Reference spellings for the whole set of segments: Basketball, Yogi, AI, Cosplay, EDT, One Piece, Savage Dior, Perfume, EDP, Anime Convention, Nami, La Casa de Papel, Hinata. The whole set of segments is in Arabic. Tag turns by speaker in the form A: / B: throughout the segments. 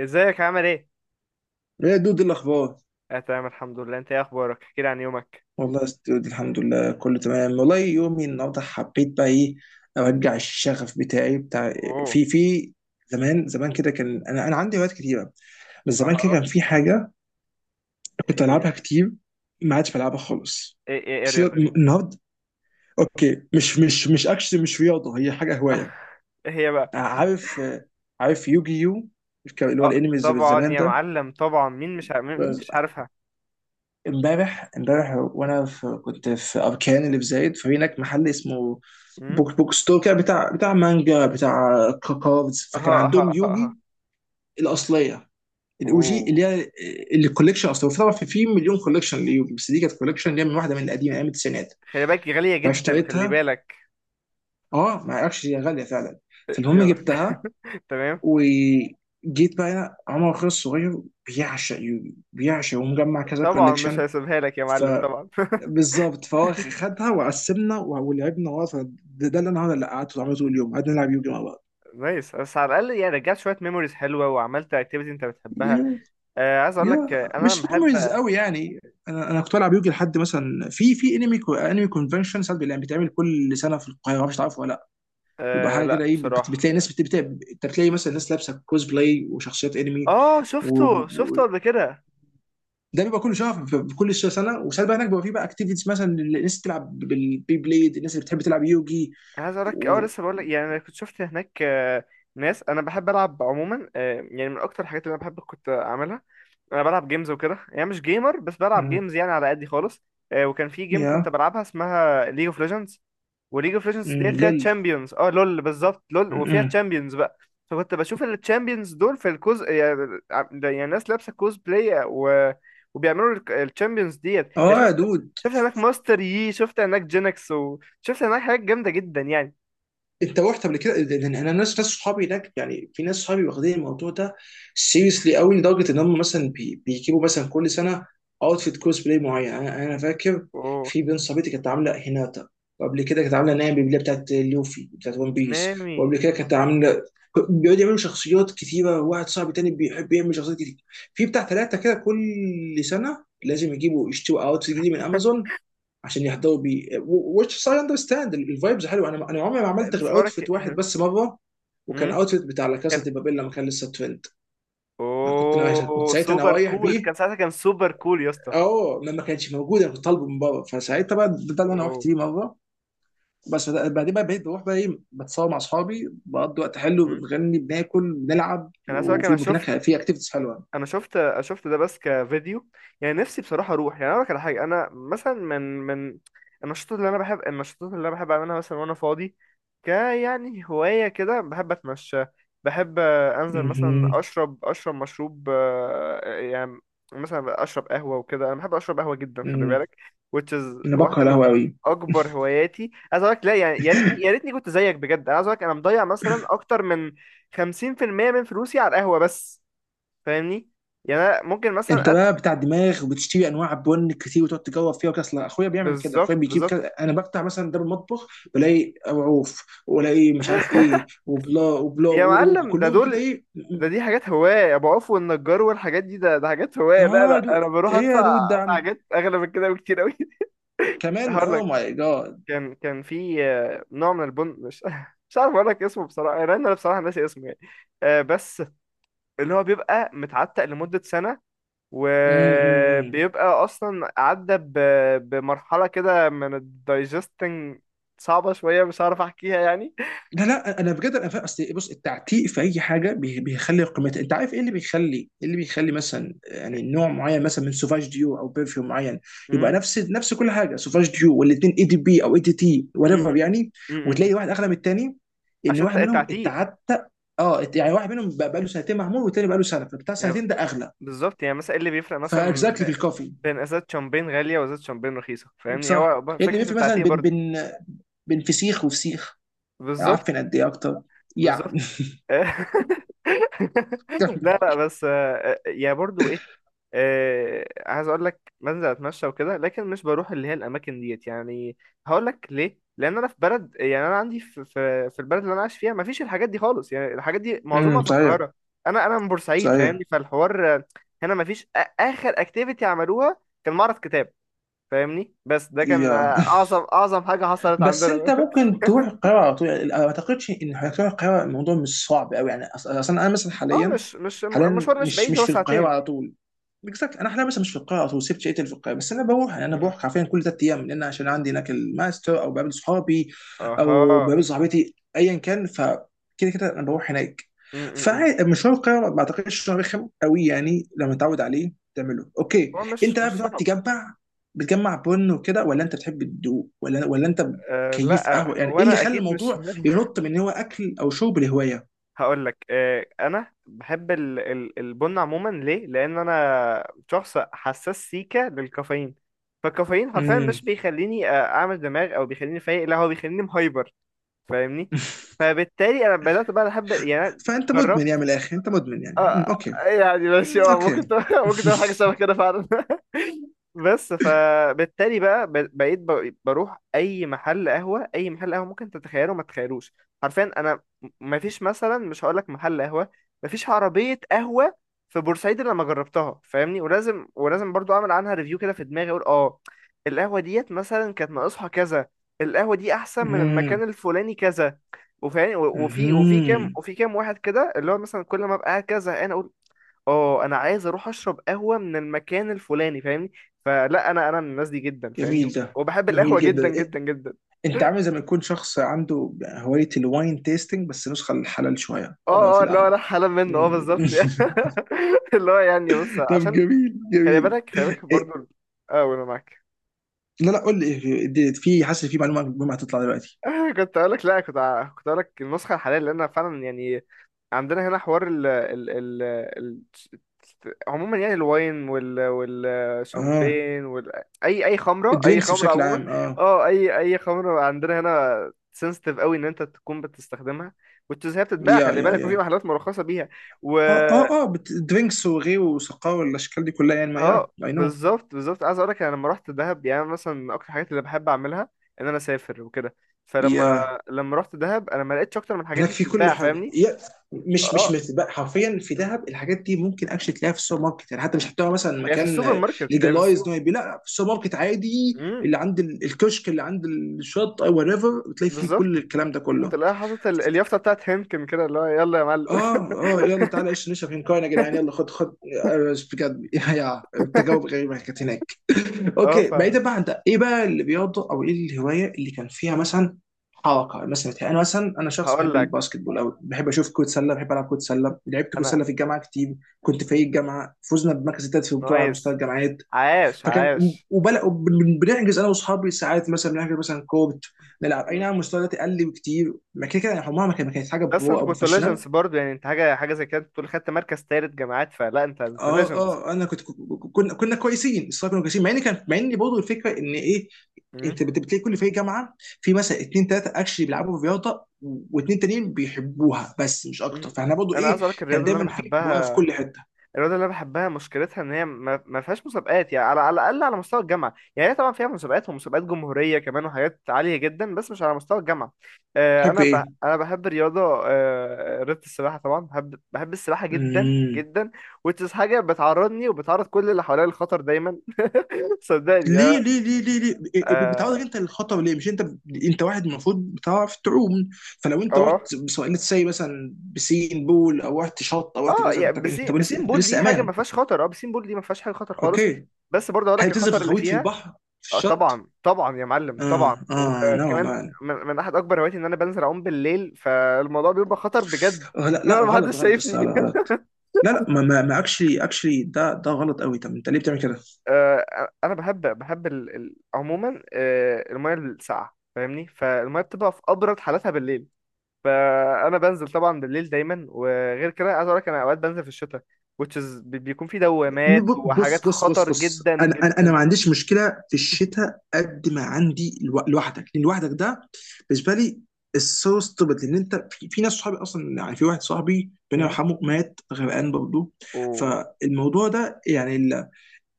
A: ازيك عامل ايه؟
B: ايه يا دود، إيه الاخبار؟
A: اه، تمام الحمد لله. انت ايه اخبارك؟ احكي لي عن يومك.
B: والله يا ست دود، الحمد لله كله تمام. والله يومي النهارده حبيت بقى ايه، ارجع الشغف بتاعي بتاع.
A: اوه.
B: في زمان زمان كده كان انا عندي هوايات كتيره. بس زمان كده
A: اها.
B: كان في حاجه كنت
A: ايه هي؟
B: العبها كتير، ما عادش بلعبها خالص.
A: ايه
B: بس
A: الرياضة دي؟
B: النهارده، اوكي، مش اكشن، مش رياضه، هي حاجه هوايه.
A: ايه هي بقى؟
B: عارف، يوجي يو؟ اللي هو
A: اه
B: الانمي
A: طبعا
B: زمان
A: يا معلم، طبعا.
B: ده.
A: مين مش عارفها؟
B: امبارح وانا كنت في اركان اللي في زايد، ففي هناك محل اسمه
A: امم.
B: بوك بوك ستور كده، بتاع مانجا بتاع كاردز. فكان
A: اها اها
B: عندهم
A: اها اها.
B: يوجي الاصليه، الاو جي،
A: اوه.
B: اللي هي الكوليكشن اصلا. وفي طبعا في مليون كوليكشن ليوجي، بس دي كانت كوليكشن اللي هي من واحده من القديمه، ايام التسعينات.
A: خلي بالك غالية جدا، خلي
B: فاشتريتها،
A: بالك.
B: اه، ما اعرفش، هي غاليه فعلا. فالمهم
A: يا-
B: جبتها
A: تمام.
B: وجيت بقى هنا. عمر اخويا الصغير بيعشق يوجي بيعشق، ومجمع كذا
A: طبعا مش
B: كوليكشن.
A: هسيبها لك يا معلم، طبعا.
B: بالظبط، فهو خدها وقسمنا ولعبنا ورا ده اللي اللي قعدت العب طول اليوم. قعدنا نلعب يوجي مع بعض.
A: نايس، بس على الاقل يعني رجعت شويه ميموريز حلوه وعملت اكتيفيتي انت بتحبها.
B: يا،
A: عايز اقول
B: يا
A: لك، انا لما
B: مش ميموريز
A: بحب.
B: قوي يعني. انا كنت بلعب يوجي لحد مثلا في انمي انمي كونفنشن. ساعات بيتعمل كل سنه في القاهره، مش تعرفه ولا لا؟ بيبقى
A: آه،
B: حاجه
A: لا
B: كده، ايه،
A: بصراحه.
B: بتلاقي ناس انت بتلاقي مثلا ناس لابسه كوز بلاي وشخصيات انمي.
A: اه، شفته شفته
B: وده
A: قبل كده.
B: بيبقى كل شهر في كل سنه، وساعات بقى هناك بيبقى في بقى اكتيفيتيز. مثلا الناس بتلعب بالبي بليد، الناس اللي بتحب تلعب يوجي
A: انا عايز اقولك،
B: و...
A: لسه بقولك يعني انا كنت شفت هناك، ناس. انا بحب العب عموما، يعني من اكتر الحاجات اللي انا بحب كنت اعملها. انا بلعب جيمز وكده، يعني مش جيمر، بس بلعب
B: مم.
A: جيمز يعني على قدي خالص. وكان في جيم كنت
B: يا.
A: بلعبها اسمها ليج اوف ليجندز. وليج اوف ليجندز ديت
B: مم،
A: فيها
B: لول.
A: تشامبيونز. اه لول، بالظبط لول، وفيها
B: مم.
A: تشامبيونز بقى. فكنت بشوف التشامبيونز دول في الكوز يعني. يعني ناس لابسه كوز بلاي وبيعملوا التشامبيونز ديت يعني
B: اه يا
A: شفت.
B: دود،
A: شفت هناك ماستر يي، شفت هناك جينكس، وشفت هناك حاجات جامده جدا يعني.
B: انت رحت قبل كده؟ لان انا ناس صحابي هناك، يعني في ناس صحابي واخدين الموضوع ده سيريسلي قوي، لدرجه ان هم مثلا بيجيبوا مثلا كل سنه اوتفيت كوز بلاي معين. انا فاكر
A: اوه.
B: في بنت صاحبتي كانت عامله هيناتا، وقبل كده كانت عامله نايم اللي هي بتاعت لوفي بتاعت ون بيس،
A: نامي.
B: وقبل كده كانت عامله، بيقعدوا يعملوا شخصيات كتيره. واحد صاحبي تاني بيحب يعمل شخصيات كتير، في بتاع ثلاثه كده كل سنه لازم يجيبوا يشتروا اوتفيت جديد من امازون عشان يهدوا بيه. which I understand، الفايبز حلوه. انا عمري ما عملت غير
A: لسه بقولك.
B: اوتفيت واحد بس مره، وكان
A: مم.
B: اوتفيت بتاع لا كاسا
A: كان
B: دي بابيل لما كان لسه ترند. انا كنت ناوي، كنت
A: اوه
B: ساعتها انا
A: سوبر
B: رايح
A: كول،
B: بيه،
A: كان ساعتها كان سوبر كول يا اسطى.
B: اه، ما كانش موجود، انا كنت طالبه من بره، فساعتها بقى ده اللي انا رحت
A: اوه.
B: بيه مره. بس بعدين بقى بقيت بروح بقى، ايه، بتصور مع اصحابي، بقضي وقت حلو،
A: مهم.
B: بنغني، بناكل، بنلعب،
A: انا ساعتها انا
B: وفي هناك
A: شفت.
B: في اكتيفيتيز حلوه.
A: انا شفت ده بس كفيديو. يعني نفسي بصراحه اروح، يعني اقول لك على حاجه. انا مثلا من النشاطات اللي انا بحب، النشاطات اللي انا بحب اعملها مثلا وانا فاضي. يعني هوايه كده، بحب اتمشى. بحب، انزل مثلا
B: مهم.
A: اشرب مشروب، يعني مثلا اشرب قهوه وكده. انا بحب اشرب قهوه جدا، خلي
B: مم.
A: بالك. Which is
B: انا بكره
A: واحده من
B: القهوه قوي.
A: اكبر هواياتي، عايز اقول لك. لا يعني، يا ريتني يا ريتني كنت زيك بجد. انا عايز اقول لك، انا مضيع مثلا اكتر من 50% من فلوسي على القهوه بس. فاهمني، يعني انا ممكن
B: انت
A: مثلا
B: بقى بتاع دماغ وبتشتري انواع بن كتير وتقعد تجوب فيها وكده. اصل اخويا بيعمل كده،
A: بالظبط،
B: اخويا بيجيب
A: بالظبط.
B: كده، انا بفتح مثلا ده المطبخ بلاقي عوف والاقي مش عارف ايه وبلا وبلا،
A: يا معلم، ده
B: وكلهم كده،
A: دول.
B: ايه.
A: ده دي حاجات هواية أبو عوف والنجار والحاجات دي. ده حاجات هواية، لا
B: اه،
A: لا، أنا بروح
B: ايه
A: أدفع،
B: يا دود، ده
A: أدفع حاجات أغلى من كده بكتير أوي.
B: كمان
A: هقول
B: او
A: لك.
B: ماي
A: كان في، نوع من البن، مش مش عارف أقول لك اسمه بصراحة، لأن أنا بصراحة ناسي اسمه يعني. بس اللي هو بيبقى متعتق لمدة سنة،
B: جاد.
A: وبيبقى أصلا عدى بمرحلة كده من الدايجستنج صعبة شوية، مش عارف أحكيها يعني.
B: لا لا، انا بجد انا فاهم. اصل بص، التعتيق في اي حاجه بيخلي قيمتها، انت عارف ايه اللي بيخلي، إيه اللي بيخلي مثلا يعني نوع معين مثلا من سوفاج ديو او برفيوم معين،
A: امم.
B: يبقى نفس كل حاجه، سوفاج ديو، والاثنين اي دي بي او اي دي تي whatever
A: امم.
B: يعني،
A: امم.
B: وتلاقي واحد اغلى من الثاني، ان
A: عشان
B: واحد منهم
A: التعتيق
B: اتعتق. اه، يعني واحد منهم بقى له سنتين معمول والتاني بقى له سنه، فبتاع
A: يعني،
B: سنتين ده اغلى.
A: بالظبط. يعني مثلا ايه اللي بيفرق مثلا
B: فاكزاكتلي في الكوفي.
A: بين ازازه شامبين غاليه وازازه شامبين رخيصه، فاهمني.
B: صح،
A: هو
B: إيه اللي
A: فكره
B: بيفرق مثلا
A: التعتيق
B: بين
A: برضو.
B: بين بين فسيخ وفسيخ
A: بالظبط،
B: عفن قد ايه اكتر
A: بالظبط.
B: يعني. كمل.
A: لا لا، بس برضو، عايز اقول لك بنزل اتمشى وكده، لكن مش بروح اللي هي الاماكن ديت يعني. هقول لك ليه: لان انا في بلد، يعني انا عندي في البلد اللي انا عايش فيها ما فيش الحاجات دي خالص يعني، الحاجات دي معظمها
B: امم،
A: في
B: صحيح.
A: القاهره. انا من بورسعيد،
B: صحيح،
A: فاهمني. فالحوار هنا ما فيش. اخر اكتيفيتي عملوها كان معرض كتاب، فاهمني. بس ده كان
B: يا.
A: اعظم اعظم حاجه حصلت
B: بس انت
A: عندنا.
B: ممكن تروح القاهره على طول يعني، ما اعتقدش ان حضرتك تروح القاهره، الموضوع مش صعب قوي يعني. اصلا انا مثلا
A: اه،
B: حاليا،
A: مش
B: حاليا
A: المشوار مش
B: مش
A: بعيد،
B: مش
A: هو
B: في القاهره
A: ساعتين.
B: على طول. بالظبط، انا حاليا بس مش في القاهره، او سبت شقتي اللي في القاهره، بس انا بروح يعني، انا
A: مم.
B: بروح حرفيا كل 3 ايام، لان عشان عندي هناك الماستر، او بقابل صحابي او
A: اها.
B: بقابل صاحبتي ايا كان. فكده كده انا بروح هناك.
A: مم، مم، مم.
B: فمشوار القاهره ما اعتقدش انه رخم قوي يعني، لما تعود عليه تعمله اوكي.
A: هو مش
B: انت
A: مش
B: بقى بتقعد
A: صعب.
B: تجمع، بن وكده؟ ولا انت بتحب الدوق؟ ولا انت
A: آه
B: كيف
A: لا،
B: قهوه يعني؟
A: هو
B: ايه اللي
A: انا
B: خلى
A: اكيد مش.
B: الموضوع ينط من إن هو اكل او شرب لهوايه؟
A: هقول لك، انا بحب البن عموما. ليه؟ لان انا شخص حساس سيكا للكافيين. فالكافيين حرفيا
B: امم.
A: مش بيخليني، اعمل دماغ او بيخليني فايق، لا هو بيخليني مهايبر، فاهمني. فبالتالي انا بدات بقى احب، يعني أنا
B: فانت مدمن يعني،
A: جربت.
B: من الاخر انت مدمن يعني. أمم،
A: آه.
B: اوكي.
A: يعني ماشي،
B: مم، اوكي.
A: ممكن ممكن تعمل حاجة شبه كده فعلا. بس فبالتالي بقى بقيت بروح أي محل قهوة، ممكن تتخيله ما تتخيلوش. حرفيا أنا مفيش مثلا، مش هقولك محل قهوة، مفيش عربية قهوة في بورسعيد إلا لما جربتها، فاهمني. ولازم، برضو أعمل عنها ريفيو كده في دماغي، أقول: أه القهوة ديت مثلا كانت ناقصها كذا، القهوة دي أحسن من المكان
B: مم،
A: الفلاني كذا.
B: مهم.
A: وفي كام واحد كده اللي هو مثلا كل ما ابقى قاعد كده زهقان اقول، اه انا عايز اروح اشرب قهوه من المكان الفلاني، فاهمني. فلا، انا من الناس دي جدا، فاهمني.
B: جميل ده.
A: وبحب
B: جميل
A: القهوه جدا
B: جدا، إيه،
A: جدا جدا.
B: انت عامل زي ما يكون شخص عنده هواية الواين تيستنج، بس نسخة الحلال شوية، اللي هو
A: اه
B: في
A: اه، اللي هو انا
B: القهوة.
A: حالا منه، اه بالظبط.
B: مم.
A: اللي هو يعني بص،
B: طب
A: عشان
B: جميل،
A: خلي بالك، خلي بالك برضو.
B: إيه
A: اه، وانا معاك.
B: لا لا، قول لي إيه، في، حاسس في معلومة مهمة هتطلع دلوقتي.
A: كنت اقول لك لا، كنت اقول لك النسخه الحاليه، لان فعلا يعني عندنا هنا حوار ال- عموما يعني الواين،
B: اه،
A: والشامبين، اي خمره،
B: الدرينكس بشكل
A: عموما.
B: عام، اه.
A: اه اي خمره عندنا هنا سنسيتيف قوي ان انت تكون بتستخدمها وتزهق، بتتباع،
B: يا
A: خلي
B: يا
A: بالك، وفي
B: يا
A: محلات مرخصه بيها.
B: اه الدرينكس وغيره وسقاوة والاشكال دي كلها يعني، ما، يا،
A: اه
B: اي نو.
A: بالظبط، بالظبط. عايز اقولك، انا لما رحت دهب، يعني أنا مثلا من اكتر الحاجات اللي بحب اعملها ان انا اسافر وكده. فلما
B: يا،
A: لما رحت دهب انا ما لقيتش اكتر من الحاجات
B: هناك
A: دي
B: في كل
A: بتتباع،
B: حاجه،
A: فاهمني.
B: مش
A: اه،
B: مثل بقى، حرفيا في دهب الحاجات دي ممكن اكشلي تلاقيها في السوبر ماركت يعني، حتى مش هتلاقيها مثلا
A: هي في السوبر
B: مكان
A: ماركت، هي في
B: ليجلايز ان
A: السوق.
B: هو يبيع. لا، في السوبر ماركت عادي،
A: امم.
B: اللي عند الكشك اللي عند الشط او وات ايفر، بتلاقي فيه كل
A: بالظبط.
B: الكلام ده كله.
A: وتلاقيها حاطط اليافطه بتاعت هنكن كده، اللي هو يلا يا معلم.
B: اه اه يلا تعالى ايش نشرب هنكاين يا جدعان، يلا خد خد. آه، بجد. يا التجاوب غريبه كانت هناك.
A: اه،
B: اوكي، بعيدا بقى عن ده، ايه بقى الرياضه او ايه الهوايه اللي كان فيها مثلا حركه؟ مثلا انا، شخص
A: هقول
B: بحب
A: لك.
B: الباسكت بول، او بحب اشوف كره سله، بحب العب كره سله، لعبت كره
A: انا.
B: سله في الجامعه كتير. كنت فريق الجامعه، فزنا بمركز الثالث في البطوله على مستوى
A: نايس.
B: الجامعات.
A: عاش،
B: فكان،
A: عاش.
B: وبلا، بنحجز انا واصحابي ساعات مثلا، بنحجز مثلا كورت نلعب. اي
A: مم.
B: نعم، مستوى دلوقتي قل بكتير، ما كده كده يعني، عمرها ما كانت حاجه
A: بس
B: برو
A: انت
B: او
A: كنت
B: بروفيشنال.
A: ليجندز برضه، يعني انت حاجه حاجه زي كده، انت بتقول خدت مركز تالت جامعات، فلا انت انت
B: اه
A: ليجندز.
B: اه انا كنت، كنا كويسين، الصراحه كنا كويسين، مع ان كان، مع ان برضه الفكره ان، ايه، انت بتلاقي كل فريق جامعه في مثلا اتنين تلاته اكشلي بيلعبوا في رياضه، واتنين تانيين بيحبوها بس مش اكتر.
A: مم.
B: فاحنا برضه،
A: انا
B: ايه،
A: عايز اقولك،
B: كان دايما في جوايا في كل حته.
A: الرياضه اللي انا بحبها مشكلتها ان هي ما فيهاش مسابقات، يعني على الاقل على مستوى الجامعه. يعني هي طبعا فيها مسابقات، ومسابقات جمهوريه كمان، وحاجات عاليه جدا، بس مش على مستوى الجامعه.
B: تحب
A: انا
B: ايه؟
A: انا بحب الرياضه. رياضه السباحه، طبعا بحب، السباحه جدا
B: امم.
A: جدا. وتس حاجه بتعرضني وبتعرض كل اللي حواليا للخطر دايما. صدقني، اه.
B: ليه ليه ليه ليه ليه، إيه، بتعرضك
A: اه،
B: انت للخطر ليه مش انت؟ انت واحد المفروض بتعرف تعوم، فلو انت
A: اه.
B: رحت، سواء let's say مثلا بسين بول او رحت شط او رحت كذا، انت
A: يعني
B: انت
A: بسين
B: لسه،
A: بسين
B: انت
A: بول
B: لسه
A: دي حاجه ما
B: امان.
A: فيهاش خطر. اه، بسين بول دي ما فيهاش حاجه خطر خالص.
B: اوكي.
A: بس برضه اقول
B: هي
A: لك
B: بتنزل في
A: الخطر اللي
B: الغويط، في
A: فيها.
B: البحر، في
A: اه
B: الشط.
A: طبعا طبعا يا معلم، طبعا،
B: اه نو
A: وكمان
B: مان.
A: من احد اكبر هواياتي ان انا بنزل اعوم بالليل، فالموضوع بيبقى خطر بجد.
B: آه، لا لا،
A: انا ما
B: غلط
A: حدش
B: غلط يا اسطى،
A: شايفني.
B: لا، غلط. لا لا، ما اكشلي، ده غلط قوي. طب انت ليه بتعمل كده؟
A: آه، انا بحب، عموما الميه الساقعه، فاهمني. فالميه بتبقى في ابرد حالاتها بالليل، فانا بنزل طبعا بالليل دايما. وغير كده عايز اقول لك، انا اوقات بنزل في الشتاء، which is بيكون في دوامات
B: بص
A: وحاجات
B: بص بص
A: خطر
B: بص،
A: جدا
B: انا
A: جدا.
B: ما عنديش مشكله في الشتاء قد ما عندي لوحدك. لان لوحدك ده بالنسبه لي السو ستوبد، لان انت في ناس صحابي اصلا. يعني في واحد صاحبي ربنا
A: مم.
B: يرحمه مات غرقان برضه.
A: وهو
B: فالموضوع ده يعني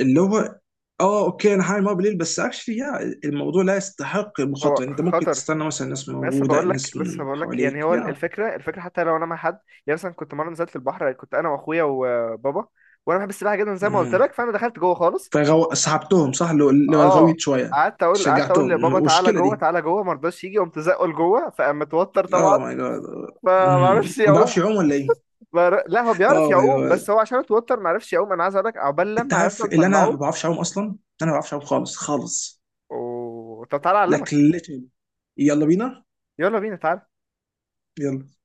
B: اللي هو، اه، اوكي، انا هعمل مرة بالليل بس اكشلي، يا، الموضوع لا يستحق المخاطره يعني. انت ممكن
A: خطر.
B: تستنى مثلا، الناس موجوده، الناس من
A: لسه بقول لك
B: حواليك،
A: يعني، هو
B: يا.
A: الفكره، حتى لو انا مع حد. يعني مثلا كنت مره نزلت البحر، كنت انا واخويا وبابا، وانا بحب السباحه جدا زي ما قلت
B: مم.
A: لك، فانا دخلت جوه خالص.
B: سحبتهم صح لو
A: اه.
B: الغويت شويه.
A: قعدت اقول
B: شجعتهم
A: لبابا تعالى
B: المشكله
A: جوه،
B: دي،
A: تعالى جوه، ما رضاش يجي، قمت زقه لجوه، فقام متوتر
B: اه
A: طبعا،
B: ماي جاد.
A: فما عرفش
B: ما بعرفش
A: يعوم.
B: اعوم ولا ايه؟
A: لا، هو بيعرف
B: اه ماي
A: يعوم، بس
B: جاد،
A: هو عشان اتوتر ما عرفش يعوم. انا عايز اقول لك عقبال
B: انت
A: لما
B: عارف
A: عرفنا
B: اللي انا ما
A: نطلعه.
B: بعرفش اعوم اصلا. انا ما بعرفش اعوم خالص خالص.
A: طب تعالى
B: لكن
A: اعلمك.
B: literally. يلا بينا.
A: يلا بينا، تعالى.
B: يلا.